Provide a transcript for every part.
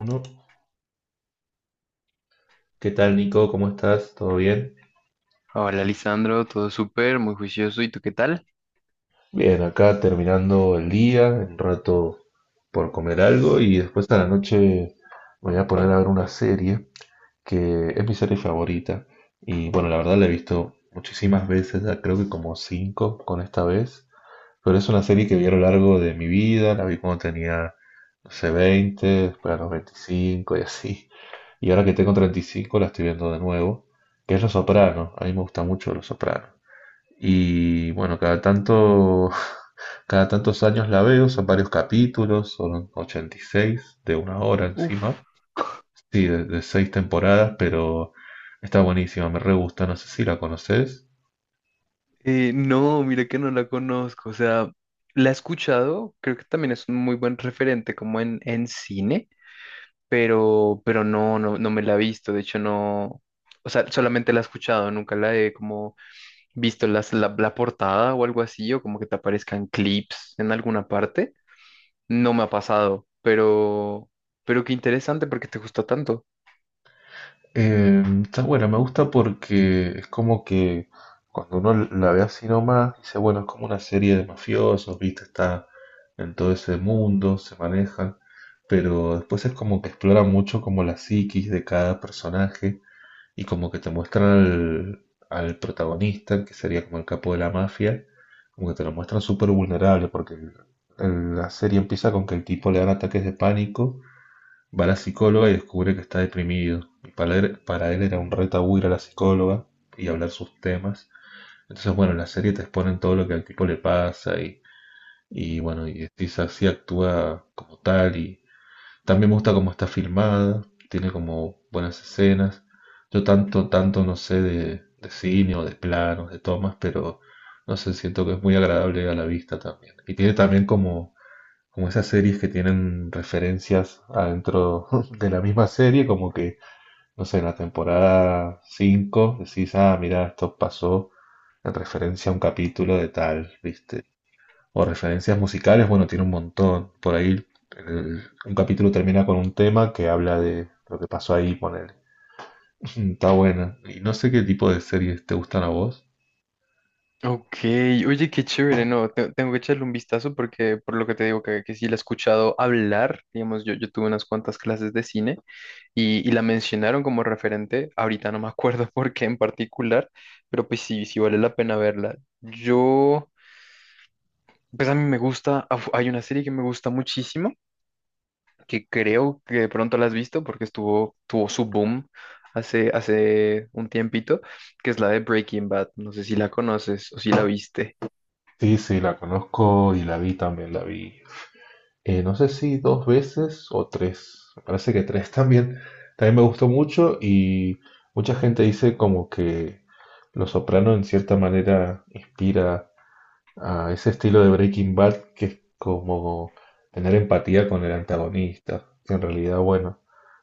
Uno. ¿Qué tal, Nico? ¿Cómo estás? ¿Todo bien? Hola, Lisandro, todo súper, muy juicioso. ¿Y tú qué tal? Bien, acá terminando el día, un rato por comer algo y después a la noche me voy a poner a ver una serie que es mi serie favorita. Y bueno, la verdad la he visto muchísimas veces, ya creo que como cinco con esta vez, pero es una serie que vi a lo largo de mi vida, la vi cuando tenía, no sé, 20, después a los 25 y así. Y ahora que tengo 35 la estoy viendo de nuevo, que es Los Soprano. A mí me gusta mucho Los Soprano. Y bueno, cada tanto, cada tantos años la veo, son varios capítulos, son 86 de una hora encima. Uf, Sí, de seis temporadas, pero está buenísima, me re gusta, no sé si la conoces. No, mira que no la conozco. O sea, la he escuchado, creo que también es un muy buen referente como en cine, pero, pero no me la he visto. De hecho, no, o sea, solamente la he escuchado, nunca la he como visto la portada o algo así, o como que te aparezcan clips en alguna parte. No me ha pasado, pero qué interesante porque te gusta tanto. Está buena, me gusta porque es como que cuando uno la ve así nomás, dice, bueno, es como una serie de mafiosos, viste, está en todo ese mundo, se manejan, pero después es como que explora mucho como la psiquis de cada personaje. Y como que te muestran al, al protagonista, que sería como el capo de la mafia, como que te lo muestran súper vulnerable, porque la serie empieza con que el tipo le dan ataques de pánico, va a la psicóloga y descubre que está deprimido. Y para él era un reto tabú ir a la psicóloga y hablar sus temas. Entonces, bueno, en la serie te exponen todo lo que al tipo le pasa y bueno, y si así actúa como tal y también me gusta cómo está filmada, tiene como buenas escenas. Yo tanto, tanto no sé de cine o de planos, de tomas, pero no sé, siento que es muy agradable a la vista también. Y tiene también como, como esas series que tienen referencias adentro de la misma serie, como que, no sé, en la temporada 5 decís, ah, mira, esto pasó en referencia a un capítulo de tal, ¿viste? O referencias musicales, bueno, tiene un montón. Por ahí un capítulo termina con un tema que habla de lo que pasó ahí, ponele. Está buena. Y no sé qué tipo de series te gustan a vos. Ok, oye, qué chévere, no, tengo que echarle un vistazo porque por lo que te digo que sí la he escuchado hablar, digamos, yo tuve unas cuantas clases de cine y la mencionaron como referente, ahorita no me acuerdo por qué en particular, pero pues sí, sí vale la pena verla. Yo, pues a mí me gusta, hay una serie que me gusta muchísimo, que creo que de pronto la has visto porque tuvo su boom hace un tiempito, que es la de Breaking Bad, no sé si la conoces o si la viste. Sí, sí, la conozco y la vi también, la vi. No sé si dos veces o tres. Me parece que tres también. También me gustó mucho y mucha gente dice como que Los Soprano en cierta manera inspira a ese estilo de Breaking Bad que es como tener empatía con el antagonista, que en realidad, bueno,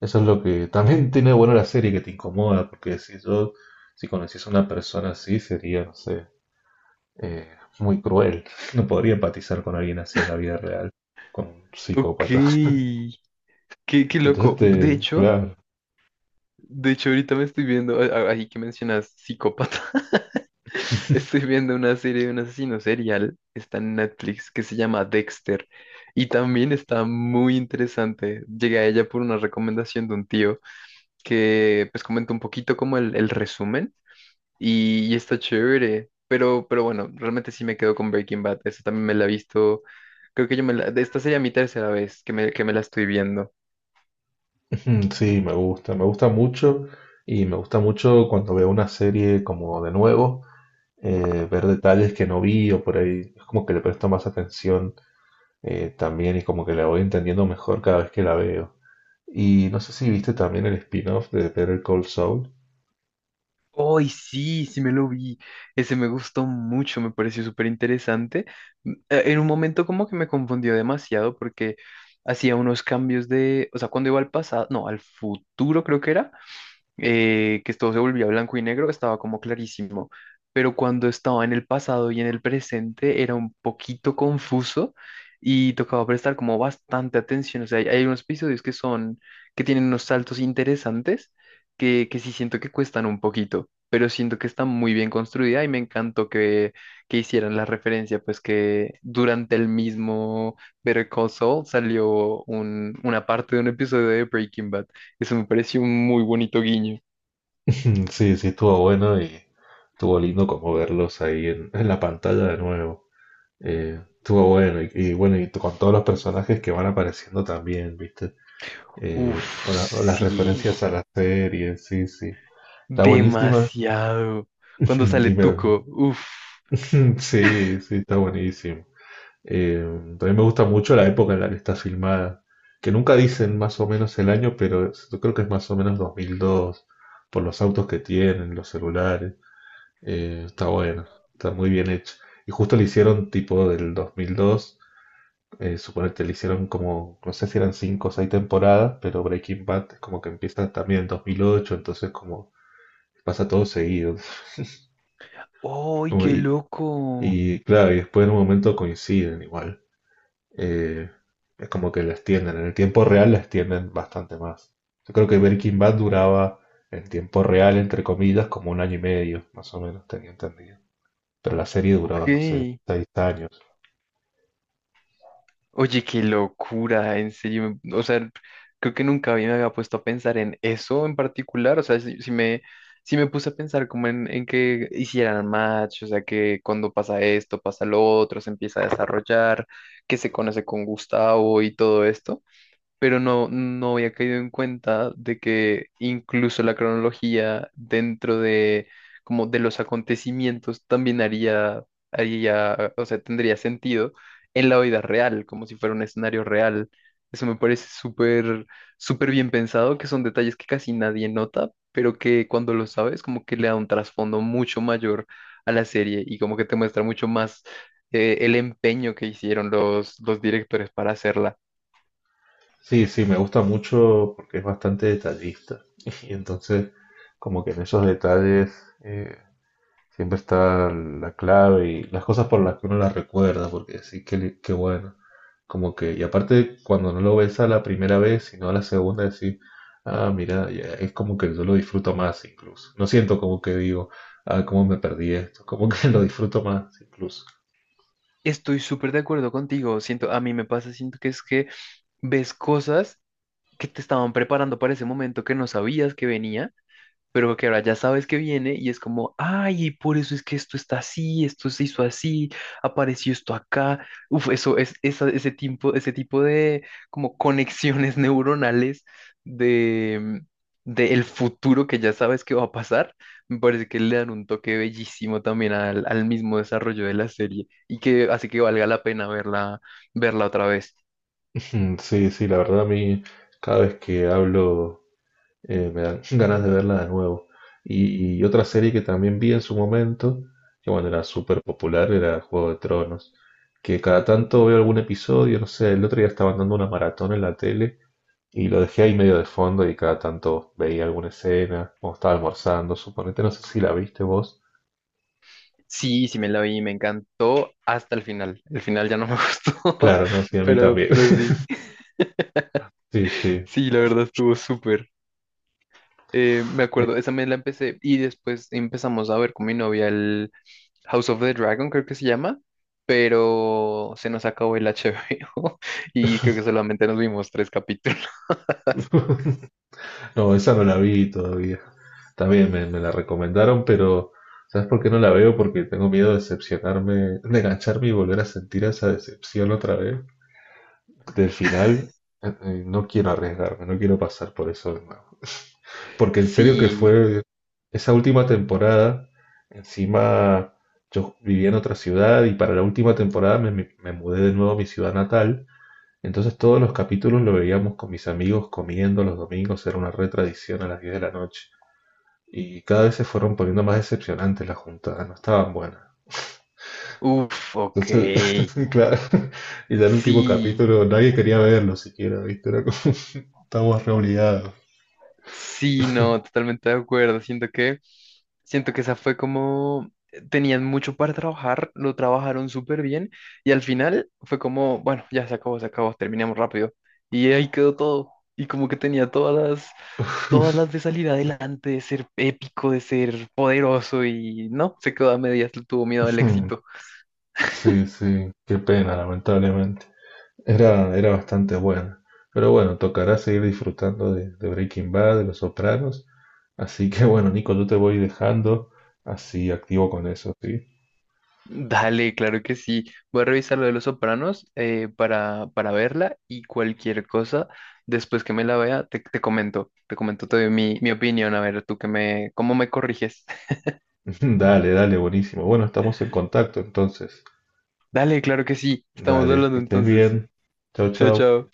eso es lo que también tiene bueno la serie, que te incomoda, porque si conociese a una persona así, sería, no sé, eh, muy cruel, no podría empatizar con alguien así en la vida real, con un Ok. psicópata. Qué Entonces, loco. Claro, De hecho, ahorita me estoy viendo, ahí que mencionas psicópata, estoy viendo una serie de un asesino serial, está en Netflix, que se llama Dexter, y también está muy interesante. Llegué a ella por una recomendación de un tío que pues comentó un poquito como el resumen, y está chévere. Pero bueno, realmente sí me quedo con Breaking Bad. Eso también me la he visto. Creo que yo me la. Esta sería mi tercera vez que me la estoy viendo. sí, me gusta mucho y me gusta mucho cuando veo una serie como de nuevo. Ver detalles que no vi o por ahí. Es como que le presto más atención, también, y como que la voy entendiendo mejor cada vez que la veo. Y no sé si viste también el spin-off de Better Call Saul. ¡Ay, sí! Sí me lo vi. Ese me gustó mucho, me pareció súper interesante. En un momento como que me confundió demasiado porque hacía unos cambios de, o sea, cuando iba al pasado, no, al futuro creo que era, que todo se volvía blanco y negro, estaba como clarísimo. Pero cuando estaba en el pasado y en el presente era un poquito confuso y tocaba prestar como bastante atención. O sea, hay unos episodios que son, que tienen unos saltos interesantes que sí siento que cuestan un poquito, pero siento que está muy bien construida y me encantó que hicieran la referencia, pues que durante el mismo Better Call Saul salió una parte de un episodio de Breaking Bad. Eso me pareció un muy bonito guiño. Sí, sí, estuvo bueno y estuvo lindo como verlos ahí en la pantalla de nuevo. Estuvo bueno y bueno, y con todos los personajes que van apareciendo también, ¿viste? Uf, O las sí. referencias a la serie, sí, sí. Está buenísima. Demasiado. Cuando sale Y me- Tuco. Uf. Sí, sí, está buenísimo. Eh, También me gusta mucho la época en la que está filmada, que nunca dicen más o menos el año, pero yo creo que es más o menos 2002, por los autos que tienen, los celulares. Está buena, está muy bien hecha. Y justo le hicieron tipo del 2002, suponete, le hicieron como, no sé si eran 5 o 6 temporadas, pero Breaking Bad es como que empieza también en 2008, entonces como pasa todo seguido. ¡Ay, Como qué loco! y claro, y después en un momento coinciden igual. eh, es como que la extienden. En el tiempo real la extienden bastante más. Yo creo que Breaking Bad duraba en tiempo real, entre comillas, como un año y medio, más o menos, tenía entendido. Pero la serie duraba, no sé, Ok. 6 años. Oye, qué locura. En serio. O sea, creo que nunca me había puesto a pensar en eso en particular. O sea, si me puse a pensar como en que hicieran match. O sea, que cuando pasa esto, pasa lo otro, se empieza a desarrollar, que se conoce con Gustavo y todo esto. Pero no, no había caído en cuenta de que incluso la cronología dentro de como de los acontecimientos también haría, haría, o sea, tendría sentido en la vida real, como si fuera un escenario real. Eso me parece súper, súper bien pensado, que son detalles que casi nadie nota, pero que cuando lo sabes, como que le da un trasfondo mucho mayor a la serie y como que te muestra mucho más el empeño que hicieron los directores para hacerla. Sí, sí, me gusta mucho porque es bastante detallista. Y entonces, como que en esos detalles, eh, siempre está la clave y las cosas por las que uno las recuerda, porque sí, que qué bueno. Como que, y aparte, cuando no lo ves a la primera vez, sino a la segunda, decir, ah, mira, ya, es como que yo lo disfruto más incluso. No siento como que digo, ah, cómo me perdí esto, como que lo disfruto más incluso. Estoy súper de acuerdo contigo. Siento, a mí me pasa, siento que es que ves cosas que te estaban preparando para ese momento que no sabías que venía pero que ahora ya sabes que viene y es como, ay, por eso es que esto está así, esto se hizo así, apareció esto acá. Uf, eso es ese tipo de como conexiones neuronales de, mm, de el futuro que ya sabes que va a pasar, me parece que le dan un toque bellísimo también al mismo desarrollo de la serie y que hace que valga la pena verla, verla otra vez. Mm, sí, sí, la verdad a mí, cada vez que hablo, me dan ganas de verla de nuevo. Y otra serie que también vi en su momento, que bueno, era súper popular, era Juego de Tronos, que cada tanto veo algún episodio, no sé, el otro día estaban dando una maratón en la tele y lo dejé ahí medio de fondo y cada tanto veía alguna escena, o estaba almorzando, suponete, no sé si la viste vos. Sí, sí me la vi, me encantó hasta el final. El final ya no me gustó, Claro, no, sí, a mí también. pero sí. Sí, sí. Sí, la verdad estuvo súper. Me acuerdo, esa me la empecé y después empezamos a ver con mi novia el House of the Dragon, creo que se llama, pero se nos acabó el HBO y creo que solamente nos vimos tres capítulos. No, esa no la vi todavía. También me la recomendaron, pero ¿sabes por qué no la veo? Porque tengo miedo de decepcionarme, de engancharme y volver a sentir esa decepción otra vez del final. No quiero arriesgarme, no quiero pasar por eso de nuevo. Porque en serio que Sí, fue esa última temporada, encima yo vivía en otra ciudad y para la última temporada me mudé de nuevo a mi ciudad natal, entonces todos los capítulos lo veíamos con mis amigos comiendo los domingos, era una re tradición a las 10 de la noche. Y cada vez se fueron poniendo más decepcionantes las juntadas, no estaban buenas. uff, ok, Entonces, claro, y ya el último sí. capítulo nadie quería verlo siquiera, ¿viste? Era como, estamos re obligados. Sí, no, totalmente de acuerdo. Siento que esa fue como, tenían mucho para trabajar, lo trabajaron súper bien y al final fue como, bueno, ya se acabó, terminamos rápido. Y ahí quedó todo. Y como que tenía las, todas las de salir adelante, de ser épico, de ser poderoso y no, se quedó a medias, le tuvo miedo al éxito. Sí, sí, qué pena, lamentablemente. Era, era bastante buena. Pero bueno, tocará seguir disfrutando de Breaking Bad, de Los Sopranos. Así que bueno, Nico, yo te voy dejando así activo con eso, ¿sí? Dale, claro que sí. Voy a revisar lo de Los Sopranos, para verla y cualquier cosa, después que me la vea, te comento, te comento, te doy mi, mi opinión, a ver, tú que me, cómo me corriges. Dale, dale, buenísimo. Bueno, estamos en contacto entonces. Dale, claro que sí. Estamos Dale, hablando que estés entonces. bien. Chau, Chao, chau. chao.